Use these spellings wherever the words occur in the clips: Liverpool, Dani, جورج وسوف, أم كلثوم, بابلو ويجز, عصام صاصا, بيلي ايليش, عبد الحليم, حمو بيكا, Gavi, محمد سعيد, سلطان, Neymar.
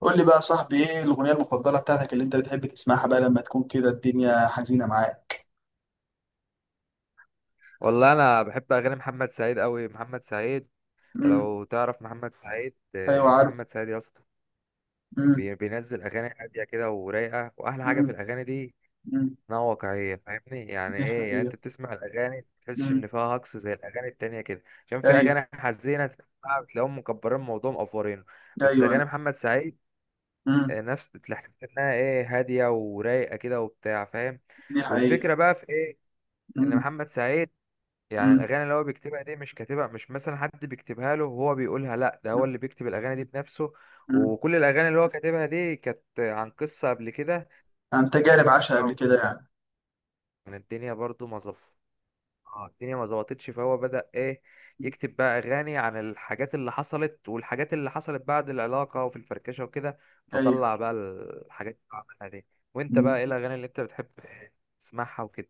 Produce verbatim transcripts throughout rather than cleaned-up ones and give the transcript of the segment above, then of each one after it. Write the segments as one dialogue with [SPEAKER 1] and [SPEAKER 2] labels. [SPEAKER 1] قول لي بقى يا صاحبي ايه الاغنيه المفضله بتاعتك اللي انت بتحب تسمعها بقى لما تكون كده الدنيا حزينه معاك؟
[SPEAKER 2] والله انا بحب اغاني محمد سعيد قوي. محمد سعيد، انت
[SPEAKER 1] امم.
[SPEAKER 2] لو تعرف محمد سعيد،
[SPEAKER 1] ايوه،
[SPEAKER 2] آه،
[SPEAKER 1] عارف.
[SPEAKER 2] محمد سعيد يا اسطى.
[SPEAKER 1] امم.
[SPEAKER 2] بي- بينزل اغاني هاديه كده ورايقه. واحلى حاجه
[SPEAKER 1] امم.
[SPEAKER 2] في الاغاني دي
[SPEAKER 1] امم.
[SPEAKER 2] انها واقعيه، فاهمني؟ يعني
[SPEAKER 1] دي
[SPEAKER 2] ايه؟ يعني انت
[SPEAKER 1] حقيقه.
[SPEAKER 2] بتسمع الاغاني تحسش
[SPEAKER 1] امم.
[SPEAKER 2] ان فيها هجص زي الاغاني التانية كده، عشان في
[SPEAKER 1] ايوه.
[SPEAKER 2] اغاني حزينه تسمعها بتلاقيهم مكبرين الموضوع مقفورينه. بس
[SPEAKER 1] ايوه.
[SPEAKER 2] اغاني محمد سعيد،
[SPEAKER 1] امم.
[SPEAKER 2] آه، نفس تحس انها ايه، هاديه ورايقه كده وبتاع، فاهم.
[SPEAKER 1] دي حقيقه.
[SPEAKER 2] والفكره بقى في ايه؟ ان
[SPEAKER 1] امم.
[SPEAKER 2] محمد سعيد يعني
[SPEAKER 1] امم.
[SPEAKER 2] الاغاني اللي هو بيكتبها دي مش كاتبها، مش مثلا حد بيكتبها له وهو بيقولها، لا ده هو اللي بيكتب الاغاني دي بنفسه.
[SPEAKER 1] امم.
[SPEAKER 2] وكل الاغاني اللي هو كاتبها دي كانت عن قصه قبل كده.
[SPEAKER 1] عن تجارب عاشها قبل
[SPEAKER 2] أو
[SPEAKER 1] كده يعني.
[SPEAKER 2] يعني الدنيا برضو ما ظبط. اه، الدنيا ما ظبطتش، فهو بدأ ايه، يكتب بقى اغاني عن الحاجات اللي حصلت، والحاجات اللي حصلت بعد العلاقه وفي الفركشه وكده،
[SPEAKER 1] ايوه.
[SPEAKER 2] فطلع بقى الحاجات اللي عملها دي. وانت
[SPEAKER 1] مم.
[SPEAKER 2] بقى ايه الاغاني اللي انت بتحب تسمعها وكده؟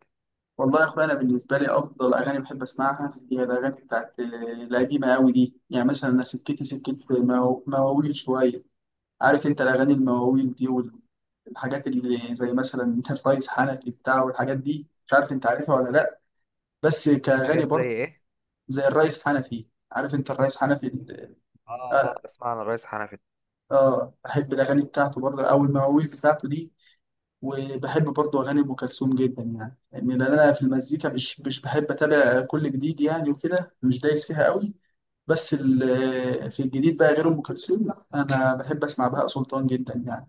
[SPEAKER 1] والله يا اخويا، انا بالنسبه لي افضل اغاني بحب اسمعها هي الاغاني بتاعت آه، القديمه قوي دي. يعني مثلا انا سكتي سكت، مواويل شويه. عارف انت الاغاني المواويل دي؟ الحاجات اللي زي مثلا الرئيس حنفي بتاع والحاجات دي، مش عارف انت عارفها ولا لا. بس كأغاني
[SPEAKER 2] حاجات زي
[SPEAKER 1] برضه.
[SPEAKER 2] ايه؟
[SPEAKER 1] زي الرئيس حنفي. عارف انت الرئيس حنفي. ال-
[SPEAKER 2] اه آه،
[SPEAKER 1] اه.
[SPEAKER 2] اسمع عن الريس حنفي.
[SPEAKER 1] آه، بحب الأغاني بتاعته برضه أو المواويل بتاعته دي. وبحب برضه أغاني أم كلثوم جدا يعني يعني لأن أنا في المزيكا مش مش بحب أتابع كل جديد يعني، وكده مش دايس فيها قوي. بس ال- في الجديد بقى غير أم كلثوم، لا، أنا بحب أسمع بهاء سلطان جدا يعني.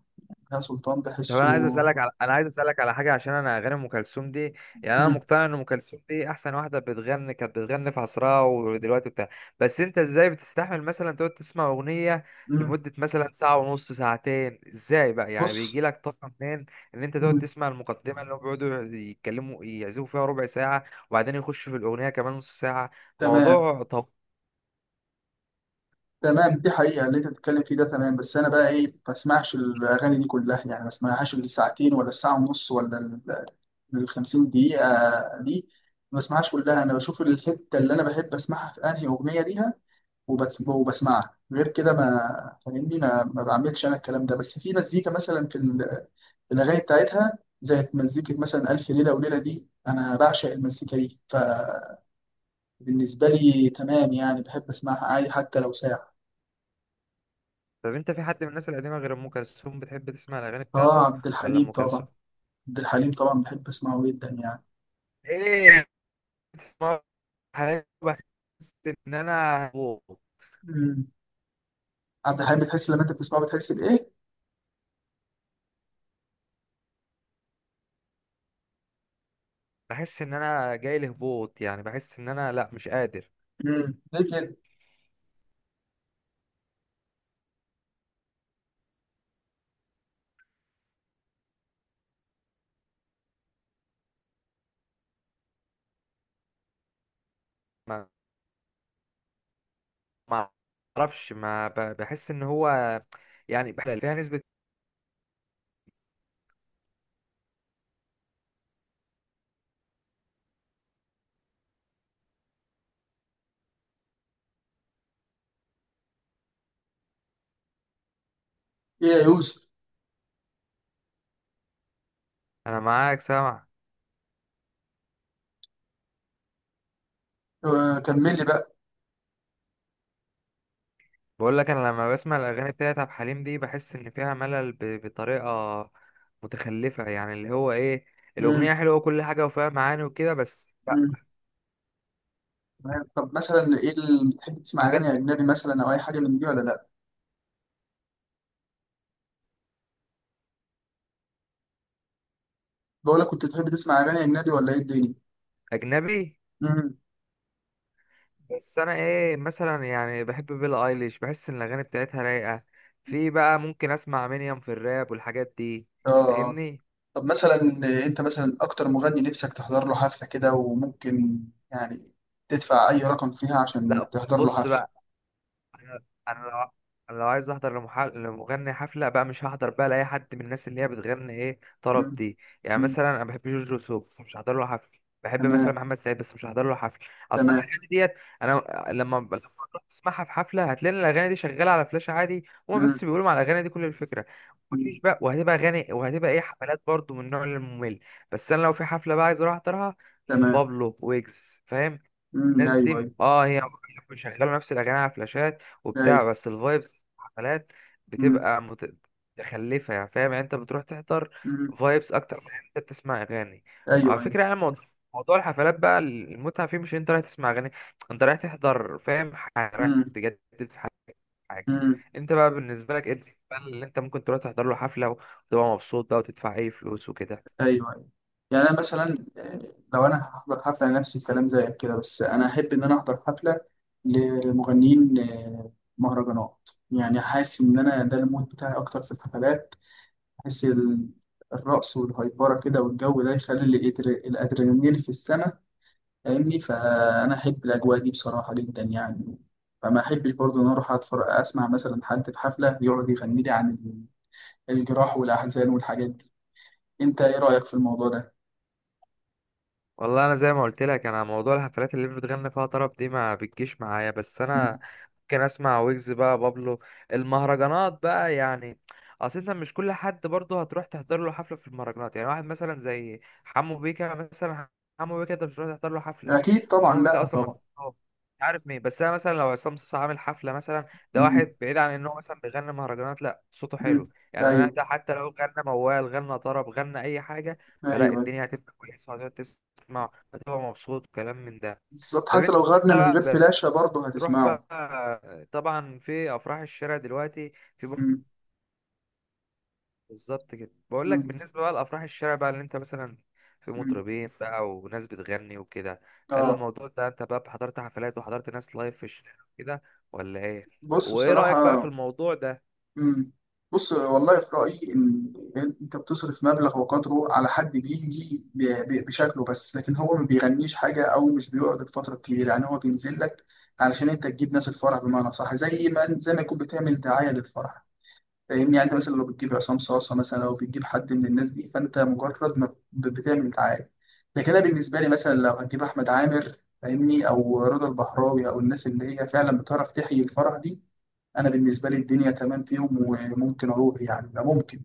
[SPEAKER 1] بهاء سلطان
[SPEAKER 2] طب
[SPEAKER 1] بحسه.
[SPEAKER 2] انا عايز اسالك على، انا عايز اسالك على حاجه، عشان انا اغاني ام كلثوم دي، يعني انا
[SPEAKER 1] مم.
[SPEAKER 2] مقتنع ان ام كلثوم دي احسن واحده بتغني، كانت بتغني في عصرها ودلوقتي بتاع. بس انت ازاي بتستحمل مثلا تقعد تسمع اغنيه
[SPEAKER 1] مم.
[SPEAKER 2] لمده مثلا ساعه ونص، ساعتين؟ ازاي بقى يعني،
[SPEAKER 1] بص.
[SPEAKER 2] بيجي لك طاقه منين ان انت تقعد
[SPEAKER 1] مم.
[SPEAKER 2] تسمع المقدمه اللي هم بيقعدوا يتكلموا يعزفوا فيها ربع ساعه، وبعدين يخشوا في الاغنيه كمان نص ساعه؟
[SPEAKER 1] تمام.
[SPEAKER 2] موضوع. طب
[SPEAKER 1] تمام، دي حقيقة اللي انت بتتكلم فيه ده، تمام، بس انا بقى ايه، ما بسمعش الاغاني دي كلها يعني، ما بسمعهاش اللي ساعتين ولا الساعة ونص، ولا ال ال 50 دقيقة دي. ما بسمعهاش كلها، انا بشوف الحتة اللي انا بحب اسمعها في انهي اغنية ليها وبس، وبسمعها. غير كده ما فاهمني، ما, ما بعملش انا الكلام ده، بس في مزيكا مثلا في ال- في الاغاني بتاعتها، زي مزيكة مثلا ألف ليلة وليلة دي، أنا بعشق المزيكا دي. فبالنسبة لي تمام يعني، بحب أسمعها عادي حتى لو ساعة.
[SPEAKER 2] طب انت في حد من الناس القديمه غير ام كلثوم بتحب تسمع الاغاني
[SPEAKER 1] آه،
[SPEAKER 2] بتاعته،
[SPEAKER 1] عبد
[SPEAKER 2] ولا
[SPEAKER 1] الحليم
[SPEAKER 2] ام
[SPEAKER 1] طبعا.
[SPEAKER 2] كلثوم؟
[SPEAKER 1] عبد الحليم طبعا، بحب اسمعه جدا يعني.
[SPEAKER 2] ايه حاجة بحس ان انا هبوط
[SPEAKER 1] امم. عبد الحليم بتحس لما انت بتسمعه بتحس بايه؟
[SPEAKER 2] بحس ان انا جاي لهبوط، يعني بحس ان انا لا، مش قادر.
[SPEAKER 1] امم ليه كده؟
[SPEAKER 2] ما ما اعرفش، ما ب- بحس ان هو يعني، بح- فيها نسبة.
[SPEAKER 1] ايه يا يوسف؟
[SPEAKER 2] انا معاك سامع.
[SPEAKER 1] آه، كمل لي بقى.
[SPEAKER 2] بقول لك، انا لما بسمع الاغاني بتاعت عبد الحليم دي بحس ان فيها ملل ب- بطريقة متخلفة، يعني اللي هو ايه،
[SPEAKER 1] امم.
[SPEAKER 2] الاغنية حلوة وكل حاجة وفيها معاني وكده، بس لا.
[SPEAKER 1] امم. تمام. طب مثلا ايه اللي بتحب تسمع
[SPEAKER 2] طب انت
[SPEAKER 1] اغاني اجنبي مثلا، او اي حاجه من دي ولا لا؟ بقول لك، كنت بتحب تسمع اغاني اجنبي ولا ايه الدنيا؟
[SPEAKER 2] اجنبي؟
[SPEAKER 1] امم.
[SPEAKER 2] بس انا ايه مثلا، يعني بحب بيلي ايليش، بحس ان الاغاني بتاعتها رايقه. في بقى ممكن اسمع منيم في الراب والحاجات دي،
[SPEAKER 1] اه. آه.
[SPEAKER 2] فاهمني.
[SPEAKER 1] طب مثلا، انت مثلا اكتر مغني نفسك تحضر له حفله كده، وممكن يعني تدفع اي رقم فيها عشان
[SPEAKER 2] لا،
[SPEAKER 1] تحضر له
[SPEAKER 2] بص
[SPEAKER 1] حفله.
[SPEAKER 2] بقى انا أنا لو أنا لو عايز احضر لمح- لمغني حفله بقى، مش هحضر بقى لاي حد من الناس اللي هي بتغني ايه،
[SPEAKER 1] امم.
[SPEAKER 2] طرب دي. يعني
[SPEAKER 1] امم.
[SPEAKER 2] مثلا انا بحب جورج وسوف، بس مش هحضر له حفله. بحب مثلا
[SPEAKER 1] تمام.
[SPEAKER 2] محمد سعيد، بس مش هحضر له حفله. اصلا
[SPEAKER 1] تمام.
[SPEAKER 2] الاغاني ديت، انا لما لما تروح تسمعها في حفله هتلاقي إن الاغاني دي شغاله على فلاش عادي، هما
[SPEAKER 1] امم.
[SPEAKER 2] بس بيقولوا على الاغاني دي، كل الفكره.
[SPEAKER 1] امم.
[SPEAKER 2] مفيش بقى، وهتبقى اغاني، وهتبقى ايه، حفلات برضو من النوع الممل. بس انا لو في حفله بقى عايز اروح احضرها،
[SPEAKER 1] تمام.
[SPEAKER 2] بابلو، ويجز، فاهم،
[SPEAKER 1] امم.
[SPEAKER 2] الناس
[SPEAKER 1] ايوه.
[SPEAKER 2] دي
[SPEAKER 1] ايوه.
[SPEAKER 2] اه هي مش شغاله نفس الاغاني على فلاشات
[SPEAKER 1] ايوه.
[SPEAKER 2] وبتاع، بس الفايبس. الحفلات
[SPEAKER 1] امم.
[SPEAKER 2] بتبقى مت- متخلفه يعني، فاهم يعني، انت بتروح تحضر
[SPEAKER 1] امم.
[SPEAKER 2] فايبس اكتر من إن انت بتسمع اغاني. وعلى
[SPEAKER 1] ايوه. ايوه.
[SPEAKER 2] فكره يعني، موضوع موضوع الحفلات بقى المتعه فيه مش انت رايح تسمع اغاني، انت رايح تحضر، فاهم، ح- رايح
[SPEAKER 1] امم.
[SPEAKER 2] تجدد في حاجه.
[SPEAKER 1] امم.
[SPEAKER 2] انت بقى بالنسبه لك ايه اللي انت ممكن تروح تحضر له حفله وتبقى مبسوط بقى، وتدفع اي فلوس وكده؟
[SPEAKER 1] ايوه. ايوه. يعني انا مثلا، آه، لو انا هحضر حفله نفس الكلام زيك كده، بس انا احب ان انا احضر حفله لمغنيين آه، مهرجانات، يعني حاسس ان انا ده المود بتاعي اكتر في الحفلات. احس ال- الرقص والهيبره كده والجو ده يخلي ال- الإدر- الادرينالين في السماء، فاهمني؟ فانا احب الاجواء دي بصراحه جدا يعني. فما احبش برضه ان أنا اروح اتفرج، اسمع مثلا حد في حفله يقعد يغني لي عن الجراح والاحزان والحاجات دي. انت ايه رايك في الموضوع ده؟
[SPEAKER 2] والله انا زي ما قلت لك، انا موضوع الحفلات اللي بتغني فيها طرب دي ما بتجيش معايا، بس
[SPEAKER 1] مم.
[SPEAKER 2] انا ممكن اسمع ويجز بقى، بابلو. المهرجانات بقى يعني، اصل انت مش كل حد برضه هتروح تحضر له حفله في المهرجانات، يعني واحد مثلا زي حمو بيكا مثلا، حمو بيكا انت مش هتروح تحضر له حفله.
[SPEAKER 1] اكيد
[SPEAKER 2] بس
[SPEAKER 1] طبعا،
[SPEAKER 2] حمو بيكا
[SPEAKER 1] لا
[SPEAKER 2] اصلا ما
[SPEAKER 1] طبعا.
[SPEAKER 2] بيغنيش، مش عارف مين. بس انا مثلا لو عصام صاصا عامل حفله مثلا، ده
[SPEAKER 1] مم.
[SPEAKER 2] واحد بعيد عن ان هو مثلا بيغني مهرجانات، لا، صوته
[SPEAKER 1] مم.
[SPEAKER 2] حلو يعني،
[SPEAKER 1] ايوه،
[SPEAKER 2] انا ده حتى لو غنى موال، غنى طرب، غنى اي حاجه، فلا
[SPEAKER 1] ايوه.
[SPEAKER 2] الدنيا هتبقى كويسه، وهتقعد مع، هو مبسوط، وكلام من ده.
[SPEAKER 1] بالظبط،
[SPEAKER 2] طب
[SPEAKER 1] حتى
[SPEAKER 2] انت
[SPEAKER 1] لو غنى من غير
[SPEAKER 2] بقى
[SPEAKER 1] فلاشه برضه
[SPEAKER 2] تروح بقى
[SPEAKER 1] هتسمعه.
[SPEAKER 2] طبعا في افراح الشارع دلوقتي، في بر-
[SPEAKER 1] مم.
[SPEAKER 2] بالظبط كده، بقول لك،
[SPEAKER 1] مم.
[SPEAKER 2] بالنسبه بقى لافراح الشارع بقى، اللي انت مثلا في
[SPEAKER 1] مم.
[SPEAKER 2] مطربين بقى وناس بتغني وكده، هل
[SPEAKER 1] اه.
[SPEAKER 2] الموضوع ده انت بقى حضرت حفلات وحضرت ناس لايف في الشارع كده، ولا ايه؟
[SPEAKER 1] بص
[SPEAKER 2] وايه رايك بقى في
[SPEAKER 1] بصراحه.
[SPEAKER 2] الموضوع ده؟
[SPEAKER 1] مم. بص والله، في رأيي إن أنت بتصرف مبلغ وقدره على حد بيجي ب- ب- بشكله، بس لكن هو ما بيغنيش حاجة أو مش بيقعد الفترة الكبيرة، يعني هو بينزل لك علشان أنت تجيب ناس الفرح، بمعنى صح، زي ما زي ما يكون بتعمل دعاية للفرح، فاهمني؟ يعني أنت مثلا لو بتجيب عصام صاصة مثلا، أو بتجيب حد من الناس دي، فأنت مجرد ما ب- بتعمل دعاية. لكن أنا بالنسبة لي مثلا لو هتجيب أحمد عامر، فاهمني، أو رضا البحراوي، أو الناس اللي هي فعلا بتعرف تحيي الفرح دي، انا بالنسبه لي الدنيا تمام فيهم وممكن اروح، يعني ده ممكن.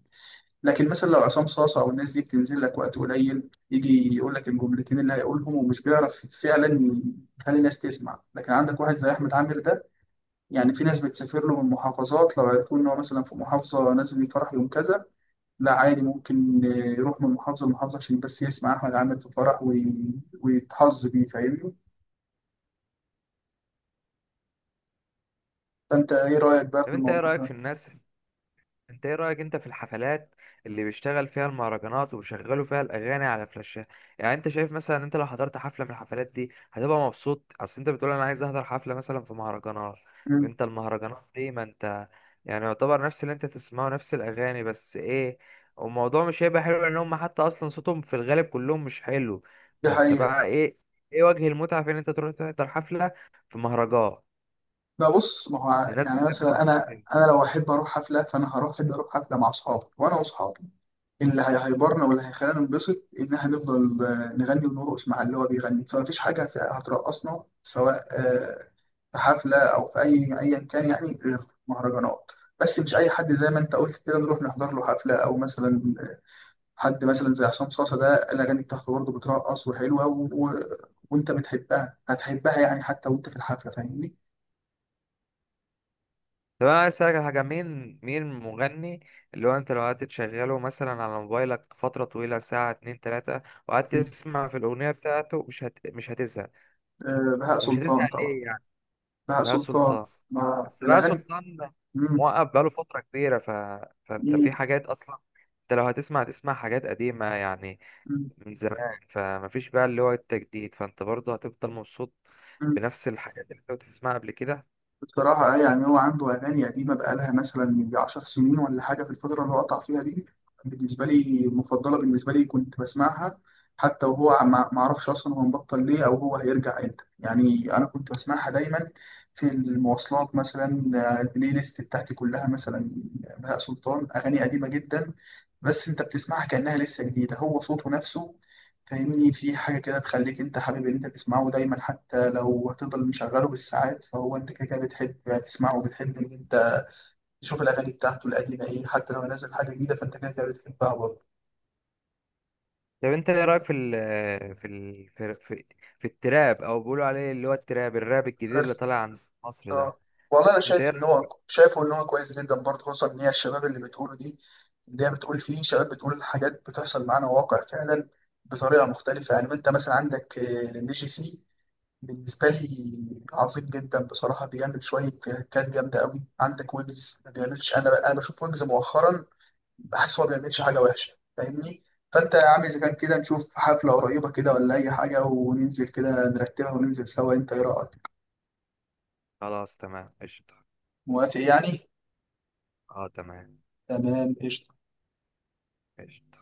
[SPEAKER 1] لكن مثلا لو عصام صاصه او الناس دي بتنزل لك وقت قليل، يجي يقول لك الجملتين اللي هيقولهم ومش بيعرف فعلا يخلي الناس تسمع. لكن عندك واحد زي احمد عامر ده، يعني في ناس بتسافر له من محافظات، لو عرفوا ان هو مثلا في محافظه نازل الفرح يوم كذا، لا عادي، ممكن يروح من محافظه لمحافظه عشان بس يسمع احمد عامر في الفرح، وي- ويتحظ بيه، فاهمني؟ فانت ايه رايك بقى في
[SPEAKER 2] طب انت ايه
[SPEAKER 1] الموضوع
[SPEAKER 2] رايك في
[SPEAKER 1] ده؟
[SPEAKER 2] الناس، انت ايه رأيك انت في الحفلات اللي بيشتغل فيها المهرجانات وبيشغلوا فيها الاغاني على فلاشات؟ يعني انت شايف مثلا، انت لو حضرت حفلة من الحفلات دي هتبقى مبسوط؟ اصل انت بتقول انا عايز احضر حفلة مثلا في مهرجانات. طب
[SPEAKER 1] مم.
[SPEAKER 2] انت المهرجانات دي ما انت، يعني يعتبر نفس اللي انت تسمعه نفس الاغاني، بس ايه، والموضوع مش هيبقى حلو، لان هم حتى اصلا صوتهم في الغالب كلهم مش حلو.
[SPEAKER 1] دي
[SPEAKER 2] فانت
[SPEAKER 1] حقيقة.
[SPEAKER 2] بقى ايه، ايه وجه المتعة في ان انت تروح تحضر حفلة في مهرجان
[SPEAKER 1] ده بص، ما هو
[SPEAKER 2] لناس
[SPEAKER 1] يعني
[SPEAKER 2] بتغني
[SPEAKER 1] مثلا انا
[SPEAKER 2] مهرجانات؟
[SPEAKER 1] انا لو احب اروح حفله فانا هروح احب اروح حفله مع اصحابي، وانا واصحابي اللي هي- هيبرنا واللي هيخلينا ننبسط ان احنا نفضل آه، نغني ونرقص مع اللي هو بيغني، فمفيش حاجه في- هترقصنا سواء آه، في حفله او في اي ايا كان يعني، غير مهرجانات. بس مش اي حد زي ما انت قلت كده نروح نحضر له حفله، او مثلا حد مثلا زي عصام صاصا ده الاغاني بتاعته برضه بترقص وحلوه و... و... وانت بتحبها، هتحبها يعني حتى وانت في الحفله، فاهمني؟
[SPEAKER 2] طب انا عايز اسالك على حاجه، مين، مين المغني اللي هو انت لو قعدت تشغله مثلا على موبايلك فتره طويله، ساعه، اتنين، تلاته، وقعدت تسمع في الاغنيه بتاعته، مش هت... مش هتزهق؟
[SPEAKER 1] آه، بهاء
[SPEAKER 2] ومش
[SPEAKER 1] سلطان
[SPEAKER 2] هتزهق
[SPEAKER 1] طبعا.
[SPEAKER 2] ليه يعني؟
[SPEAKER 1] بهاء
[SPEAKER 2] بقى
[SPEAKER 1] سلطان،
[SPEAKER 2] سلطان.
[SPEAKER 1] ما
[SPEAKER 2] بس بقى
[SPEAKER 1] الأغاني.
[SPEAKER 2] سلطان
[SPEAKER 1] مم.
[SPEAKER 2] موقف بقاله فتره كبيره، ف... فانت في
[SPEAKER 1] مم.
[SPEAKER 2] حاجات اصلا، انت لو هتسمع تسمع حاجات قديمه يعني
[SPEAKER 1] مم.
[SPEAKER 2] من زمان، فمفيش بقى اللي هو التجديد، فانت برضه هتفضل مبسوط
[SPEAKER 1] مم.
[SPEAKER 2] بنفس الحاجات اللي انت بتسمعها قبل كده.
[SPEAKER 1] بصراحة أي يعني هو عنده أغاني قديمة بقالها مثلا يجي 10 سنين ولا حاجة، في الفترة اللي هو قطع فيها دي بالنسبة لي المفضلة، بالنسبة لي كنت بسمعها حتى وهو ما ما أعرفش أصلا هو مبطل ليه أو هو هيرجع إمتى. يعني أنا كنت بسمعها دايما في المواصلات مثلا، آه، البلاي ليست بتاعتي كلها مثلا آه، بهاء سلطان أغاني قديمة جدا، بس انت بتسمعها كأنها لسه جديدة، هو صوته نفسه فاهمني؟ في حاجة كده تخليك انت حابب ان انت تسمعه دايما، حتى لو هتفضل مشغله بالساعات فهو انت كده كده بتحب تسمعه، بتحب ان انت تشوف الأغاني بتاعته القديمة ايه حتى لو نزل حاجة جديدة فانت كده كده بتحبها برضه.
[SPEAKER 2] طب انت ايه رايك في ال في ال في, في, في التراب او بيقولوا عليه اللي هو التراب، الراب الجديد اللي طالع عند مصر ده؟
[SPEAKER 1] اه، والله انا
[SPEAKER 2] انت ايه
[SPEAKER 1] شايف ان
[SPEAKER 2] رايك؟
[SPEAKER 1] هو شايفه ان هو كويس جدا برضه، خصوصا ان هي الشباب اللي بتقوله دي، اللي هي بتقول فيه شباب بتقول حاجات بتحصل معانا، واقع فعلا بطريقة مختلفة. يعني انت مثلا عندك نيجي سي، بالنسبة لي عظيم جدا بصراحة، بيعمل شوية تريكات جامدة قوي. عندك ويجز ما بيعملش. أنا بقى أنا بشوف ويجز مؤخرا بحس هو ما بيعملش حاجة وحشة فاهمني؟ فأنت يا عم إذا كان كده نشوف حفلة قريبة كده ولا أي حاجة وننزل كده نرتبها وننزل سوا، أنت إيه رأيك؟
[SPEAKER 2] خلاص تمام قشطه.
[SPEAKER 1] موافق يعني؟
[SPEAKER 2] اه تمام
[SPEAKER 1] تمام قشطة.
[SPEAKER 2] قشطه.